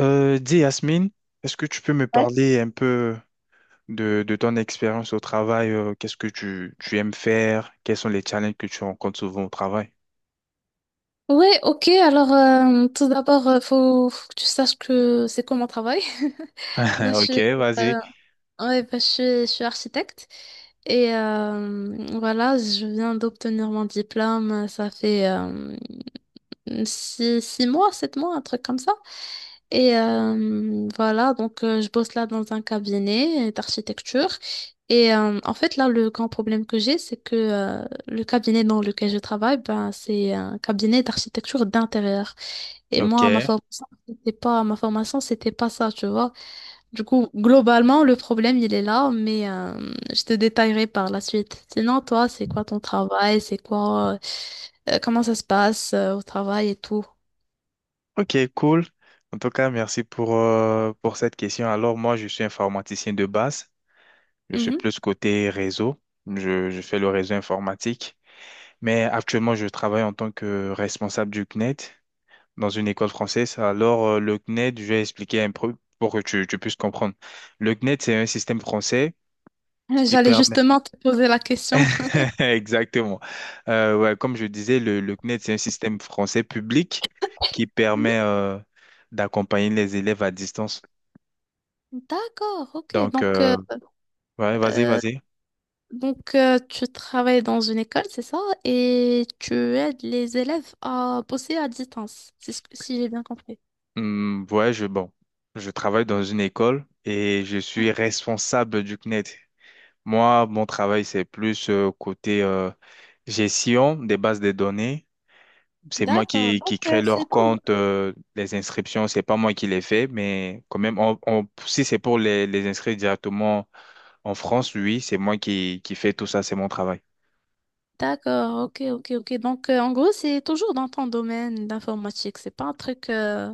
Dis Yasmine, est-ce que tu peux me Ouais. parler un peu de ton expérience au travail? Qu'est-ce que tu aimes faire? Quels sont les challenges que tu rencontres souvent au travail? Ouais, ok. Alors, tout d'abord, faut que tu saches que c'est quoi mon travail. Bah, Ok, vas-y. euh, ouais, bah, je suis architecte et voilà, je viens d'obtenir mon diplôme. Ça fait six mois, 7 mois, un truc comme ça. Et voilà, donc je bosse là dans un cabinet d'architecture. Et en fait, là, le grand problème que j'ai, c'est que le cabinet dans lequel je travaille, ben, c'est un cabinet d'architecture d'intérieur. Et Ok. moi, ma formation, c'était pas ça, tu vois. Du coup, globalement, le problème, il est là, mais je te détaillerai par la suite. Sinon, toi, c'est quoi ton travail? Comment ça se passe au travail et tout? Ok, cool. En tout cas, merci pour cette question. Alors, moi, je suis informaticien de base. Je suis Mhm. plus côté réseau. Je fais le réseau informatique. Mais actuellement, je travaille en tant que responsable du CNET dans une école française. Alors, le CNED, je vais expliquer un peu pour que tu puisses comprendre. Le CNED, c'est un système français qui J'allais permet... justement te poser la question. Exactement. Ouais, Comme je disais, le CNED, c'est un système français public qui Mhm. permet d'accompagner les élèves à distance. D'accord, ok. Donc, ouais, vas-y, euh, vas-y. donc, tu travailles dans une école, c'est ça? Et tu aides les élèves à bosser à distance, si j'ai bien compris. Ouais, je, bon, je travaille dans une école et je suis Mhm. responsable du CNED. Moi, mon travail, c'est plus côté gestion des bases de données. C'est moi D'accord, qui, qui crée leur compte, les inscriptions, c'est pas moi qui les fais, mais quand même, on, si c'est pour les inscrire directement en France, oui, c'est moi qui fais tout ça, c'est mon travail. D'accord, ok, ok, ok. Donc, en gros, c'est toujours dans ton domaine d'informatique. C'est pas un truc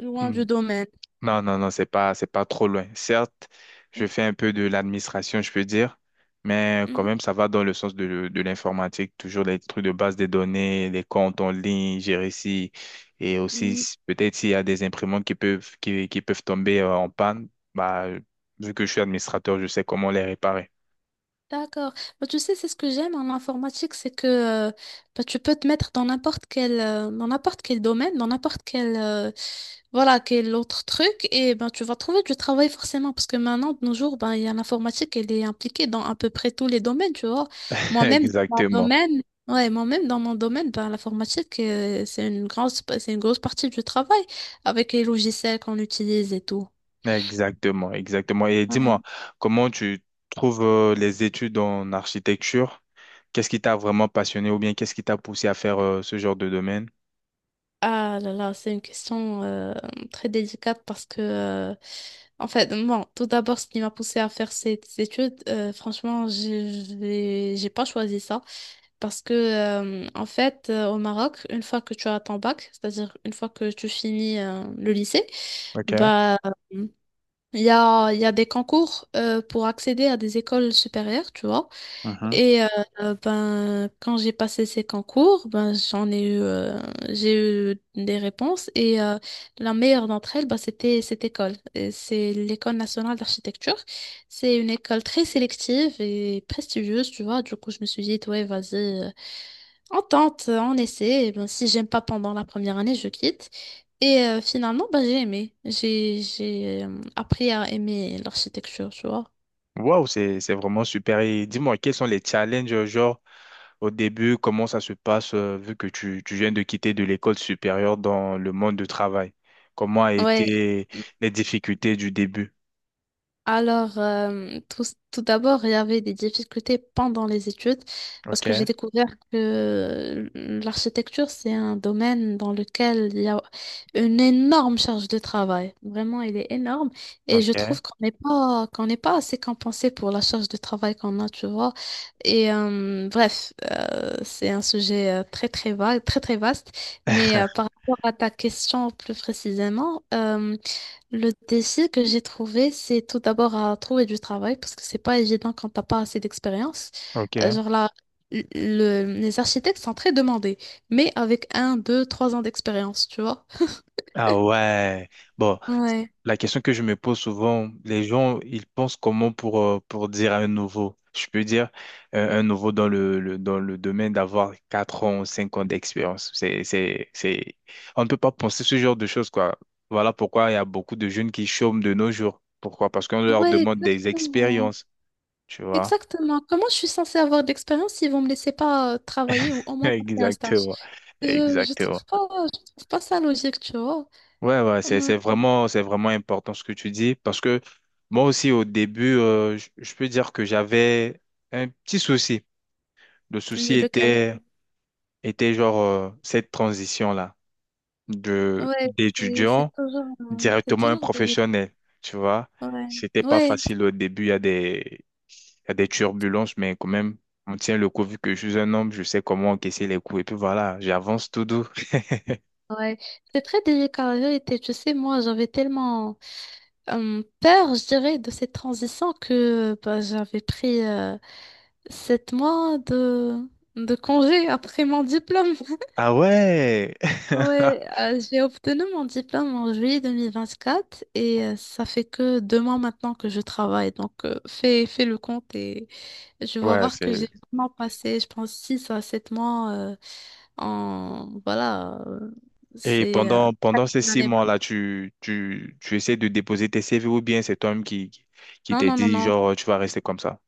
loin du domaine. Non, c'est pas trop loin. Certes, je fais un peu de l'administration, je peux dire, mais quand Mhm. même, ça va dans le sens de l'informatique, toujours les trucs de base des données, les comptes en ligne, gérer si, et aussi, peut-être s'il y a des imprimantes qui peuvent, qui peuvent tomber en panne, bah, vu que je suis administrateur, je sais comment les réparer. D'accord. Bah, tu sais, c'est ce que j'aime en informatique, c'est que bah, tu peux te mettre dans n'importe quel domaine, voilà, quel autre truc, et ben tu vas trouver du travail forcément, parce que maintenant, de nos jours, ben, il y a l'informatique, elle est impliquée dans à peu près tous les domaines, tu vois. Moi-même, dans mon Exactement. domaine, ouais, moi-même, dans mon domaine, ben, l'informatique, c'est une grosse partie du travail, avec les logiciels qu'on utilise et tout. Exactement, exactement. Et Ouais. dis-moi, comment tu trouves les études en architecture? Qu'est-ce qui t'a vraiment passionné ou bien qu'est-ce qui t'a poussé à faire ce genre de domaine? Ah là là, c'est une question très délicate parce que, en fait, bon, tout d'abord, ce qui m'a poussée à faire cette étude, franchement, j'ai pas choisi ça parce que, en fait, au Maroc, une fois que tu as ton bac, c'est-à-dire une fois que tu finis le lycée, Ok. bah, il y a des concours pour accéder à des écoles supérieures, tu vois. Mhm. Et ben, quand j'ai passé ces concours, ben, j'ai eu des réponses et la meilleure d'entre elles, ben, c'était cette école. Et c'est l'École nationale d'architecture. C'est une école très sélective et prestigieuse, tu vois. Du coup, je me suis dit, ouais, vas-y, euh, on tente, on essaie. Et ben, si j'aime pas pendant la première année, je quitte. Et finalement, ben, j'ai aimé. J'ai appris à aimer l'architecture, tu vois. Wow, c'est vraiment super. Et dis-moi, quels sont les challenges, genre, au début, comment ça se passe, vu que tu, viens de quitter de l'école supérieure dans le monde du travail? Comment a Ouais. été les difficultés du début? Alors, tout d'abord, il y avait des difficultés pendant les études parce que j'ai Ok, découvert que l'architecture, c'est un domaine dans lequel il y a une énorme charge de travail. Vraiment, elle est énorme et je ok, trouve qu'on n'est pas assez compensé pour la charge de travail qu'on a, tu vois. Et bref, c'est un sujet très, très vague, très, très vaste. Mais par rapport à ta question plus précisément, le défi que j'ai trouvé, c'est tout d'abord à trouver du travail parce que c'est pas évident quand t'as pas assez d'expérience. Euh, ok. Genre là, les architectes sont très demandés, mais avec 1, 2, 3 ans d'expérience, tu vois. Ah ouais. Bon, Ouais. la question que je me pose souvent, les gens, ils pensent comment pour dire un nouveau? Je peux dire un nouveau dans le, dans le domaine d'avoir 4 ans, 5 ans d'expérience. C'est... On ne peut pas penser ce genre de choses, quoi. Voilà pourquoi il y a beaucoup de jeunes qui chôment de nos jours. Pourquoi? Parce qu'on leur Ouais, demande des exactement. expériences, tu vois? Exactement. Comment je suis censée avoir de l'expérience s'ils vont me laisser pas travailler ou au moins passer un stage? Exactement. Je, je Exactement. trouve pas, je trouve pas ça logique, tu vois. Ouais, ouais, Ouais. C'est vraiment important ce que tu dis parce que moi aussi au début, je peux dire que j'avais un petit souci. Le souci Lequel? était, était genre cette transition-là de Ouais, c'est c'est d'étudiant toujours, euh, c'est directement un toujours des... professionnel, tu vois. Ouais. C'était pas Ouais. facile au début, il y a des, il y a des turbulences, mais quand même, on tient le coup vu que je suis un homme, je sais comment encaisser les coups et puis voilà, j'avance tout doux. Ouais, c'est très délicat la vérité. Tu sais, moi, j'avais tellement peur, je dirais, de cette transition que bah, j'avais pris 7 mois de congé après mon diplôme. Ah ouais! Ouais, euh, j'ai obtenu mon diplôme en juillet 2024 et ça fait que 2 mois maintenant que je travaille. Donc, fais le compte et je vais Ouais, voir que c'est. j'ai vraiment passé, je pense, 6 à 7 mois en... Voilà, Et c'est... euh, pendant, pendant presque ces une six année blanche. mois-là, tu essaies de déposer tes CV ou bien c'est toi-même qui Non, t'es non, non, dit, non. genre, tu vas rester comme ça?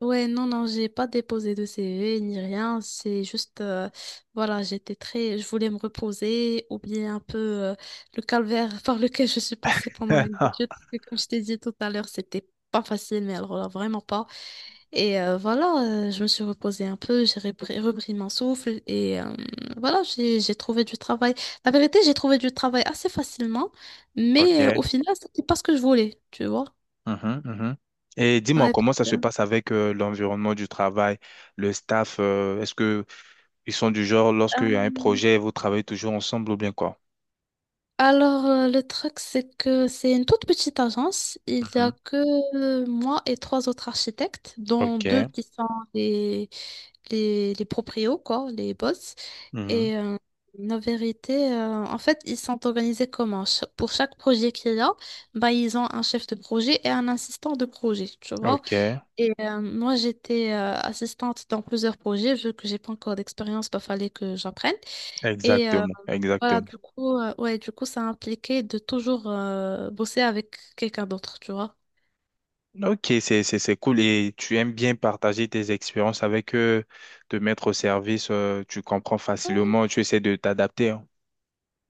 Ouais, non, non, j'ai pas déposé de CV ni rien. C'est juste, voilà, je voulais me reposer, oublier un peu euh, le calvaire par lequel je suis passée pendant les études. Parce que comme je t'ai dit tout à l'heure, c'était pas facile, mais alors là, vraiment pas. Et voilà, je me suis reposée un peu, j'ai repris mon souffle et voilà, j'ai trouvé du travail. La vérité, j'ai trouvé du travail assez facilement, mais au Ok, final, c'était pas ce que je voulais, tu vois. mhm, mhm. Et dis-moi, Ouais. comment ça se passe avec l'environnement du travail, le staff, est-ce que ils sont du genre, lorsqu'il y a un Euh, projet, vous travaillez toujours ensemble ou bien quoi? Alors, le truc, c'est que c'est une toute petite agence. Il n'y Mhm. a que moi et trois autres architectes, dont deux Ok. qui sont les, les proprios, quoi, les boss. Mhm. Et la vérité, en fait, ils sont organisés comment? Pour chaque projet qu'il y a, bah, ils ont un chef de projet et un assistant de projet, tu vois. Ok. Et moi, j'étais assistante dans plusieurs projets, vu que j'ai pas encore d'expérience, bah, fallait que j'apprenne. Et Exactement. voilà, Exactement. Ouais, du coup, ça impliquait de toujours bosser avec quelqu'un d'autre, tu vois. Ok, c'est cool. Et tu aimes bien partager tes expériences avec eux, te mettre au service, tu comprends Ouais, facilement, tu essaies de t'adapter, hein.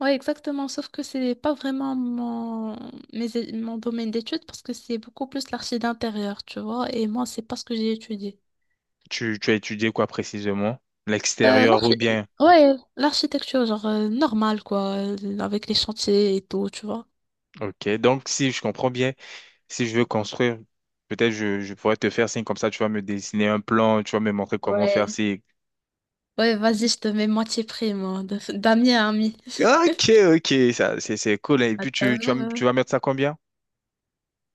ouais, exactement. Sauf que c'est pas vraiment mon domaine d'études parce que c'est beaucoup plus l'archi d'intérieur, tu vois. Et moi, c'est pas ce que j'ai étudié. Tu as étudié quoi précisément? Euh, L'extérieur ou l'archi- bien? ouais, l'architecture, genre normale, quoi, avec les chantiers et tout, tu vois. Ok. Donc, si je comprends bien. Si je veux construire, peut-être je pourrais te faire signe comme ça, tu vas me dessiner un plan, tu vas me montrer comment faire Ouais. si. Ouais, vas-y, je te mets moitié prix, moi, d'ami à ami. Ok, ok, ça, c'est cool, hein. Et Ah, puis ça tu vas, va. tu vas mettre ça combien?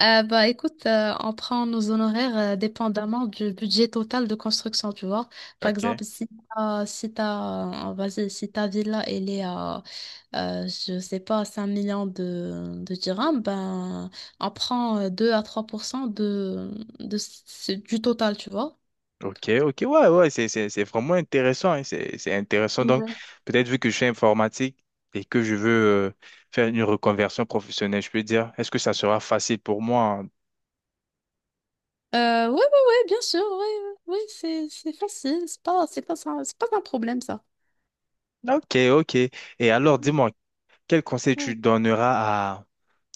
Bah, écoute, on prend nos honoraires dépendamment du budget total de construction, tu vois. Par Ok, exemple, si t'as, si t'as, vas-y, si ta villa elle est à, je sais pas, 5 millions de dirhams, ben on prend 2 à 3% du total, tu vois. ok, ok, ouais, ouais, c'est vraiment intéressant, hein, c'est intéressant. Donc, Ouais. peut-être vu que je suis informatique et que je veux euh, faire une reconversion professionnelle, je peux dire, est-ce que ça sera facile pour moi, hein? Ouais, ouais, ouais, bien sûr, ouais, ouais, ouais, c'est facile, c'est pas un problème ça. Ok, ok. Et alors, dis-moi, quel conseil tu Ouais. donneras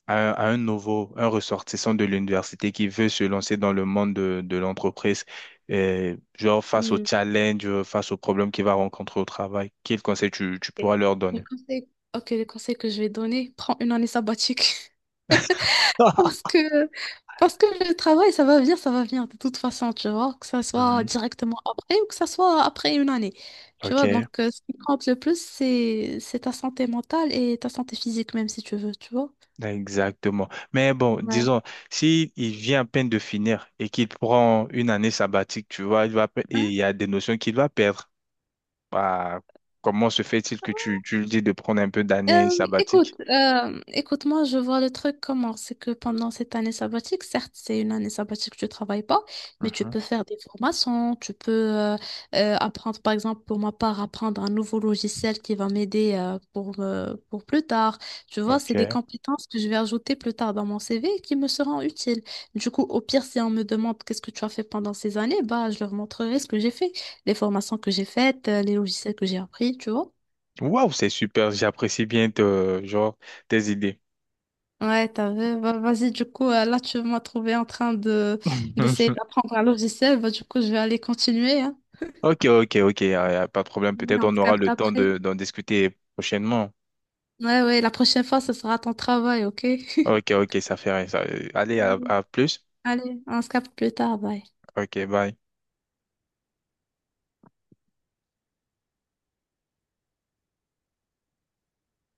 à un nouveau, un ressortissant de l'université qui veut se lancer dans le monde de l'entreprise, et genre face au challenge, face aux problèmes qu'il va rencontrer au travail, quel conseil tu, tu Ok. pourras leur Le donner? conseil, ok, le conseil que je vais donner, prends une année sabbatique. Parce que, parce que le travail, ça va venir de toute façon, tu vois, que ça soit Mhm. directement après ou que ça soit après une année. Tu Ok, vois, donc ce qui compte le plus, c'est ta santé mentale et ta santé physique, même si tu veux, tu vois. exactement. Mais bon, Ouais. disons, si il vient à peine de finir et qu'il prend une année sabbatique, tu vois, il va, et il y a des notions qu'il va perdre. Bah, comment se fait-il que tu lui dis de prendre un peu d'année Euh, écoute, sabbatique? euh, écoute, moi je vois le truc comment, c'est que pendant cette année sabbatique, certes c'est une année sabbatique, tu travailles pas, mais tu Mhm. peux faire des formations, tu peux apprendre, par exemple pour ma part, apprendre un nouveau logiciel qui va m'aider pour plus tard. Tu vois, c'est des Ok. compétences que je vais ajouter plus tard dans mon CV et qui me seront utiles. Du coup, au pire, si on me demande qu'est-ce que tu as fait pendant ces années, bah je leur montrerai ce que j'ai fait, les formations que j'ai faites, les logiciels que j'ai appris, tu vois. Waouh, c'est super. J'apprécie bien genre, tes idées. Ouais, t'as vu. Bah, vas-y, du coup, là, tu m'as trouvé en train de d'essayer d'apprendre un logiciel. Bah, du coup, je vais aller continuer, hein. Ok, ok, ok, pas de problème. Oui, Peut-être on on se aura capte le temps après. de, d'en discuter prochainement. Ouais, ouais, la prochaine fois, ce sera ton travail, ok? Ok, ok, ça fait rien. Allez, Mm. à plus. Allez, on se capte plus tard, bye. Ok, bye.